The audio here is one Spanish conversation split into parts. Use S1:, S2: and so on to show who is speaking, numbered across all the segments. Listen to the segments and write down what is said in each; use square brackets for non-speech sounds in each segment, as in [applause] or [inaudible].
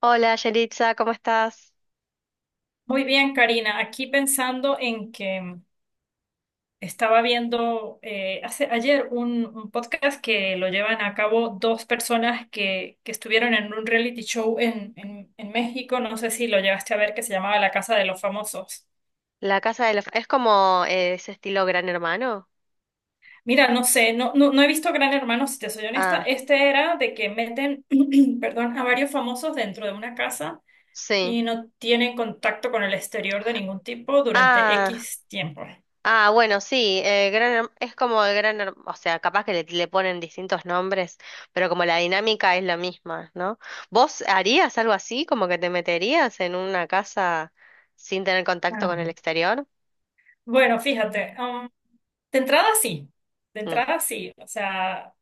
S1: Hola, Yelitza, ¿cómo estás?
S2: Muy bien, Karina. Aquí pensando en que estaba viendo ayer un podcast que lo llevan a cabo dos personas que estuvieron en un reality show en México. No sé si lo llegaste a ver, que se llamaba La Casa de los Famosos.
S1: La casa de los... ¿Es como ese estilo Gran Hermano?
S2: Mira, no sé, no, no, no he visto Gran Hermano, si te soy honesta.
S1: Ah,
S2: Este era de que meten, [clears throat] perdón, a varios famosos dentro de una casa
S1: sí.
S2: y no tienen contacto con el exterior de ningún tipo durante
S1: Ah,
S2: X tiempo.
S1: bueno, sí, es como el Gran Hermano, o sea, capaz que le ponen distintos nombres, pero como la dinámica es la misma, ¿no? ¿Vos harías algo así, como que te meterías en una casa sin tener contacto
S2: Ah.
S1: con el exterior?
S2: Bueno, fíjate. De entrada sí, de
S1: Mm,
S2: entrada sí. O sea,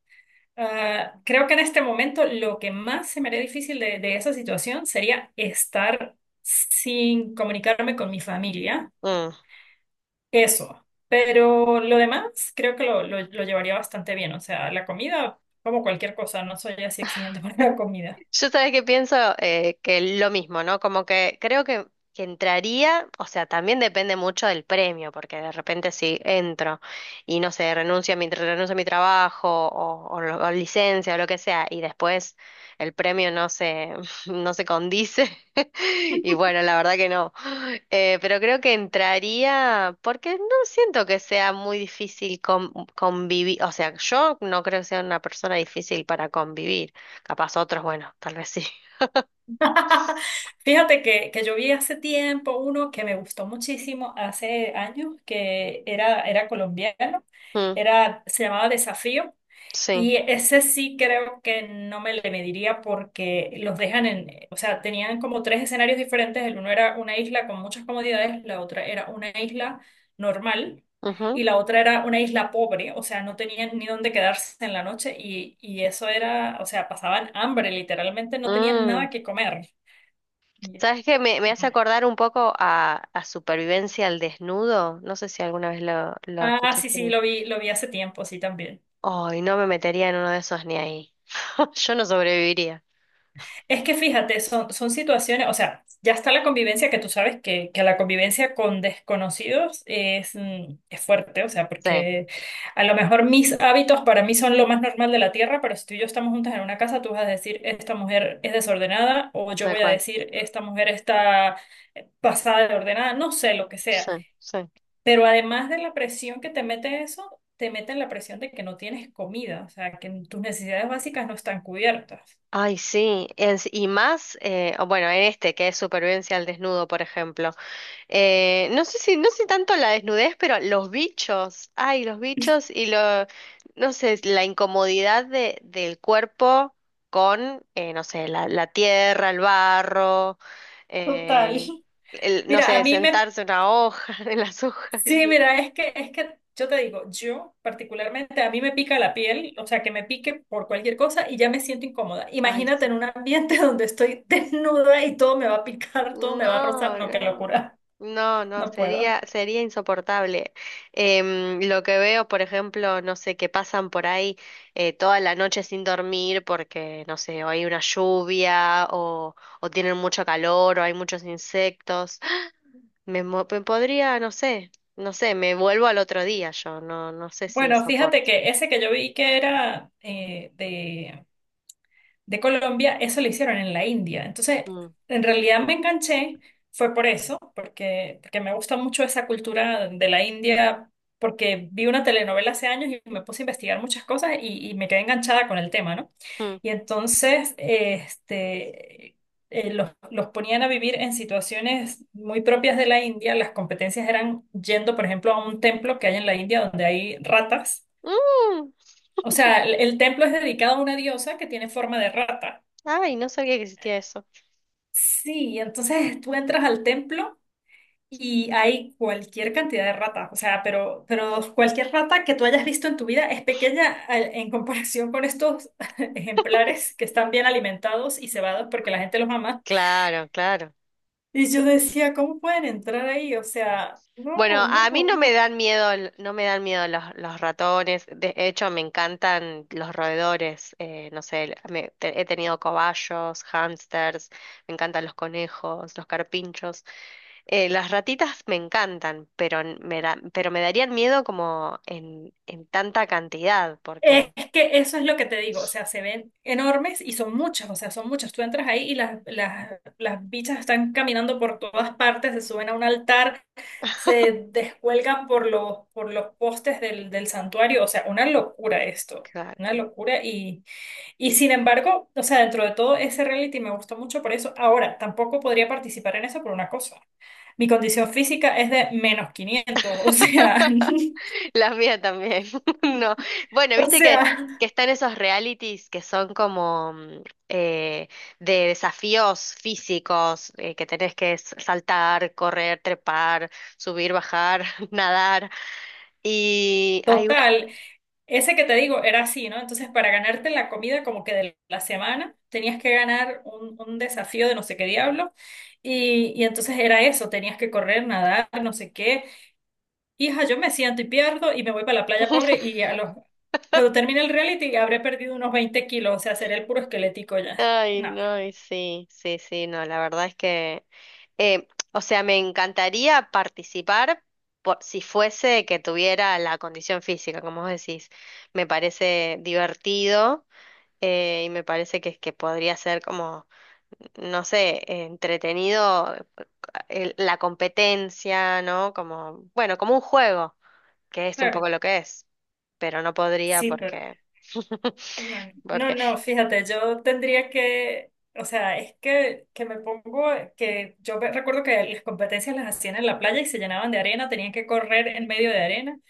S2: creo que en este momento lo que más se me haría difícil de esa situación sería estar sin comunicarme con mi familia.
S1: mm.
S2: Eso. Pero lo demás creo que lo llevaría bastante bien. O sea, la comida, como cualquier cosa, no soy así exigente [laughs] para la comida.
S1: Yo sabes que pienso que lo mismo, ¿no? Como que creo que entraría, o sea, también depende mucho del premio, porque de repente si entro y no sé, renuncio a mi trabajo o licencia o lo que sea, y después el premio no se, [laughs] no se condice, [laughs] y bueno, la verdad que no. Pero creo que entraría, porque no siento que sea muy difícil convivir, o sea, yo no creo que sea una persona difícil para convivir. Capaz otros, bueno, tal vez sí.
S2: [laughs] Fíjate que yo vi hace tiempo uno que me gustó muchísimo, hace años, que era colombiano,
S1: Mm,
S2: se llamaba Desafío,
S1: sí.
S2: y ese sí creo que no me le mediría porque los dejan en, o sea, tenían como tres escenarios diferentes, el uno era una isla con muchas comodidades, la otra era una isla normal.
S1: Ujú.
S2: Y la otra era una isla pobre, o sea, no tenían ni dónde quedarse en la noche y eso era, o sea, pasaban hambre, literalmente no tenían
S1: Mm.
S2: nada que comer. Ya.
S1: ¿Sabes qué? Me hace acordar un poco a Supervivencia al Desnudo. No sé si alguna vez lo
S2: Ah, sí,
S1: escuchaste,
S2: sí,
S1: ¿no?
S2: lo vi hace tiempo, sí, también.
S1: Ay, no me metería en uno de esos ni ahí. [laughs] Yo no sobreviviría.
S2: Es que fíjate, son situaciones, o sea, ya está la convivencia que tú sabes que la convivencia con desconocidos es, es fuerte, o sea,
S1: Sí,
S2: porque a lo mejor mis hábitos para mí son lo más normal de la tierra, pero si tú y yo estamos juntas en una casa, tú vas a decir, esta mujer es desordenada, o yo
S1: tal
S2: voy a
S1: cual.
S2: decir, esta mujer está pasada de ordenada, no sé, lo que
S1: Sí,
S2: sea.
S1: sí.
S2: Pero además de la presión que te mete eso, te mete la presión de que no tienes comida, o sea, que tus necesidades básicas no están cubiertas.
S1: Ay, sí. Es- y más, o bueno, en este que es Supervivencia al Desnudo, por ejemplo. No sé tanto la desnudez, pero los bichos, ay, los bichos y lo, no sé, la incomodidad del cuerpo con, no sé, la tierra, el barro,
S2: Total.
S1: eh,
S2: [laughs]
S1: el, no
S2: Mira,
S1: sé, sentarse en una hoja, [laughs] en las hojas, qué
S2: sí,
S1: sé yo.
S2: mira, es que yo te digo, yo particularmente, a mí me pica la piel, o sea, que me pique por cualquier cosa y ya me siento incómoda.
S1: Ay,
S2: Imagínate en
S1: sí.
S2: un ambiente [laughs] donde estoy desnuda y todo me va a picar, todo me va a rozar,
S1: No,
S2: no, qué
S1: no.
S2: locura,
S1: No, no,
S2: no puedo.
S1: sería insoportable. Lo que veo, por ejemplo, no sé, que pasan por ahí toda la noche sin dormir porque, no sé, o hay una lluvia o tienen mucho calor o hay muchos insectos. Me podría, no sé, no sé, me vuelvo al otro día yo, no, no sé si
S2: Bueno, fíjate
S1: soporto.
S2: que ese que yo vi que era de Colombia, eso lo hicieron en la India. Entonces,
S1: Mm,
S2: en realidad me enganché, fue por eso, porque me gusta mucho esa cultura de la India, porque vi una telenovela hace años y me puse a investigar muchas cosas y me quedé enganchada con el tema, ¿no?
S1: mm.
S2: Y entonces, los ponían a vivir en situaciones muy propias de la India. Las competencias eran yendo, por ejemplo, a un templo que hay en la India donde hay ratas.
S1: Mm.
S2: O sea, el templo es dedicado a una diosa que tiene forma de rata.
S1: Ay, no sabía que existía eso.
S2: Sí, entonces tú entras al templo y hay cualquier cantidad de ratas, o sea, pero cualquier rata que tú hayas visto en tu vida es pequeña en comparación con estos [laughs] ejemplares que están bien alimentados y cebados porque la gente los ama.
S1: Claro, claro.
S2: Y yo decía, ¿cómo pueden entrar ahí? O sea, no,
S1: Bueno, a
S2: no,
S1: mí no me
S2: no.
S1: dan miedo, los ratones. De hecho, me encantan los roedores. No sé, el- me- te- he tenido cobayos, hámsters, me encantan los conejos, los carpinchos. Las ratitas me encantan, pero pero me darían miedo como en tanta cantidad, porque
S2: Es que eso es lo que te digo, o sea, se ven enormes y son muchas, o sea, son muchas. Tú entras ahí y las bichas están caminando por todas partes, se suben a un altar, se descuelgan por por los postes del santuario, o sea, una locura esto, una
S1: claro.
S2: locura. Y sin embargo, o sea, dentro de todo ese reality me gustó mucho por eso. Ahora, tampoco podría participar en eso por una cosa. Mi condición física es de menos 500, o sea,
S1: [laughs] La mía también. [laughs] No. Bueno,
S2: [laughs] o
S1: viste
S2: sea,
S1: que están esos realities que son como eh, de desafíos físicos, que tenés que saltar, correr, trepar, subir, bajar, [laughs] nadar. Y hay una...
S2: total. Ese que te digo era así, ¿no? Entonces, para ganarte la comida como que de la semana, tenías que ganar un desafío de no sé qué diablo. Y entonces era eso, tenías que correr, nadar, no sé qué. Hija, yo me siento y pierdo y me voy para la playa pobre
S1: [laughs]
S2: y a los... cuando termine el reality habré perdido unos 20 kilos, o sea, seré el puro esquelético ya.
S1: Ay,
S2: No,
S1: no, y sí, sí, sí, no, la verdad es que... eh, o sea, me encantaría participar por, si fuese que tuviera la condición física, como vos decís. Me parece divertido. Y me parece que podría ser como, no sé, entretenido la competencia, ¿no? Como, bueno, como un juego, que es un
S2: claro,
S1: poco lo que es, pero no podría
S2: sí, pero...
S1: porque, [laughs]
S2: No, no,
S1: porque
S2: no, fíjate, yo tendría que, o sea, es que, que yo recuerdo que las competencias las hacían en la playa y se llenaban de arena, tenían que correr en medio de arena.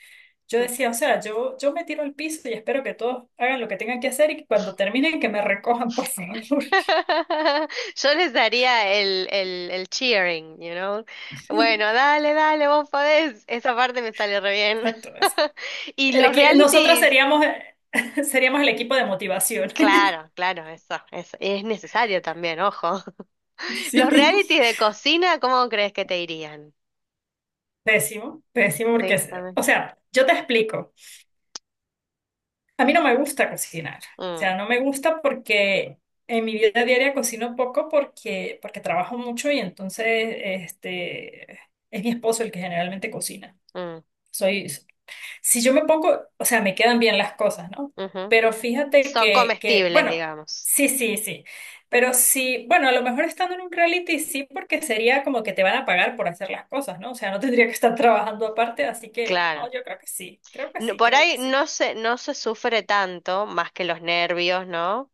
S2: Yo decía, o sea, yo me tiro al piso y espero que todos hagan lo que tengan que hacer y que cuando terminen que me recojan, por favor.
S1: [laughs] yo les daría el cheering, you know? Bueno,
S2: [laughs]
S1: dale, dale, vos podés, esa parte me sale re bien.
S2: Exacto, eso.
S1: [laughs] Y los
S2: Nosotras
S1: realities,
S2: seríamos, [laughs] seríamos el equipo de motivación. [laughs]
S1: claro, claro, eso, es necesario también, ojo. Los
S2: Sí,
S1: realities de cocina, ¿cómo crees que te irían?
S2: pésimo, pésimo, porque,
S1: Sí, también.
S2: o sea, yo te explico. A mí no me gusta cocinar. O
S1: Mm,
S2: sea, no me gusta porque en mi vida diaria cocino poco porque trabajo mucho y entonces este, es mi esposo el que generalmente cocina.
S1: mm,
S2: Soy, si yo me pongo, o sea, me quedan bien las cosas, ¿no?
S1: ujú.
S2: Pero fíjate
S1: Son comestibles,
S2: bueno,
S1: digamos.
S2: sí, sí, sí. Pero sí, bueno, a lo mejor estando en un reality sí, porque sería como que te van a pagar por hacer las cosas, ¿no? O sea, no tendría que estar trabajando aparte, así que,
S1: Claro.
S2: no, yo creo que sí, creo que
S1: No-
S2: sí,
S1: por
S2: creo que
S1: ahí
S2: sí.
S1: no se, no se sufre tanto, más que los nervios, ¿no?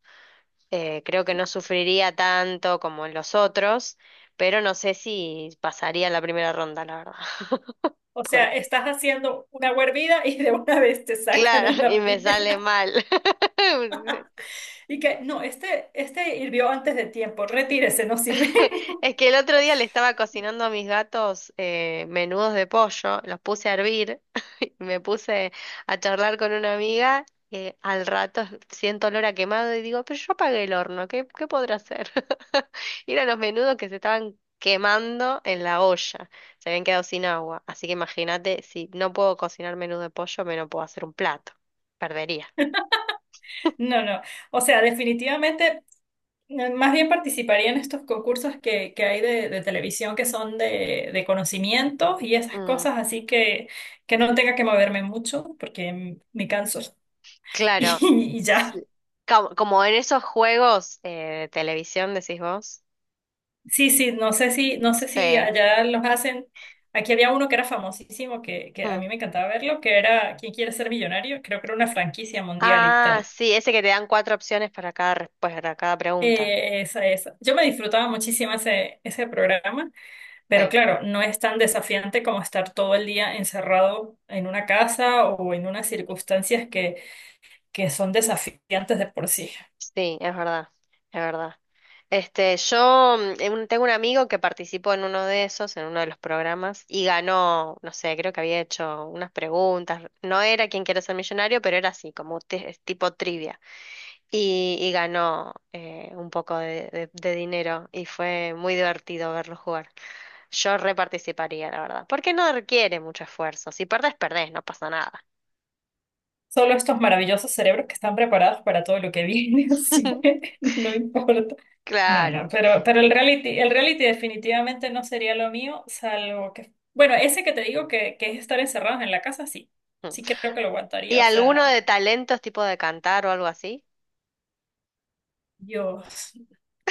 S1: Creo que
S2: Sí.
S1: no sufriría tanto como en los otros, pero no sé si pasaría la primera ronda, la verdad. [laughs]
S2: O
S1: Por
S2: sea, estás haciendo una hervida y de una vez te sacan
S1: claro,
S2: en
S1: y
S2: la
S1: me sale
S2: primera.
S1: mal. [laughs]
S2: Y que, no, este hirvió antes de tiempo, retírese, no sirve. [laughs]
S1: Es que el otro día le estaba cocinando a mis gatos menudos de pollo, los puse a hervir. Me puse a charlar con una amiga, al rato siento olor a quemado y digo, pero yo apagué el horno, ¿qué podrá hacer? [laughs] Y eran los menudos que se estaban quemando en la olla, se habían quedado sin agua. Así que imagínate, si no puedo cocinar menudo de pollo, me no puedo hacer un plato, perdería.
S2: No, no. O sea, definitivamente, más bien participaría en estos concursos que hay de televisión que son de conocimientos y esas
S1: Mm,
S2: cosas, así que no tenga que moverme mucho porque me canso. [laughs]
S1: claro,
S2: Y ya.
S1: sí. Como, como en esos juegos de televisión, decís vos.
S2: Sí, sí, no sé si
S1: Sí.
S2: allá los hacen. Aquí había uno que era famosísimo, que a
S1: Mm.
S2: mí me encantaba verlo, que era ¿Quién quiere ser millonario? Creo que era una franquicia mundial y
S1: Ah,
S2: tal.
S1: sí, ese que te dan cuatro opciones para cada, respuesta, para cada pregunta.
S2: Esa, esa. Yo me disfrutaba muchísimo ese programa, pero
S1: Sí.
S2: claro, no es tan desafiante como estar todo el día encerrado en una casa o en unas circunstancias que son desafiantes de por sí.
S1: Sí, es verdad, es verdad. Este, tengo un amigo que participó en uno de esos, en uno de los programas, y ganó, no sé, creo que había hecho unas preguntas. No era quien quiere Ser Millonario, pero era así, es tipo trivia. Y ganó un poco de, de dinero y fue muy divertido verlo jugar. Yo reparticiparía, la verdad, porque no requiere mucho esfuerzo. Si perdés, perdés, no pasa nada.
S2: Solo estos maravillosos cerebros que están preparados para todo lo que viene, [laughs] así
S1: [laughs]
S2: que no importa. No, no,
S1: Claro.
S2: pero, el reality definitivamente no sería lo mío, salvo que, bueno, ese que te digo que es estar encerrados en la casa, sí,
S1: Mm.
S2: sí creo que lo
S1: ¿Y
S2: aguantaría, o
S1: alguno
S2: sea,
S1: de talentos tipo de cantar o algo así?
S2: Dios.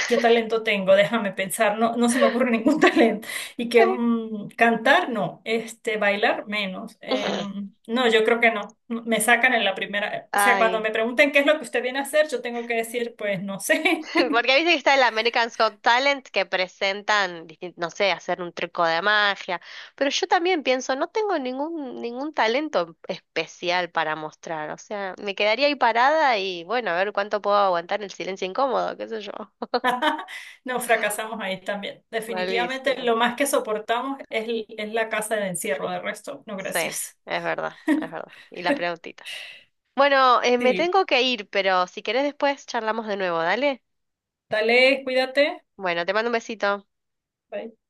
S2: ¿Qué talento tengo? Déjame pensar, no, no se me ocurre ningún [laughs] talento. Y que cantar, no, este, bailar, menos.
S1: [laughs]
S2: No, yo creo que no. No, me sacan en la primera. O sea, cuando
S1: Ay,
S2: me pregunten qué es lo que usted viene a hacer, yo tengo que decir, pues no
S1: [laughs]
S2: sé.
S1: porque viste que está el American Got Talent que presentan, distin- no sé, hacer un truco de magia, pero yo también pienso, no tengo ningún talento especial para mostrar, o sea, me quedaría ahí parada y bueno, a ver cuánto puedo aguantar el silencio incómodo, qué sé yo. [laughs]
S2: [laughs] Nos fracasamos ahí también. Definitivamente
S1: Malísimo.
S2: lo más que soportamos es, es la casa de encierro, de resto, no,
S1: Sí,
S2: gracias.
S1: es verdad, es verdad. Y las preguntitas. Bueno, me
S2: Sí,
S1: tengo que ir, pero si querés después charlamos de nuevo, dale.
S2: dale, cuídate.
S1: Bueno, te mando un besito.
S2: Bye.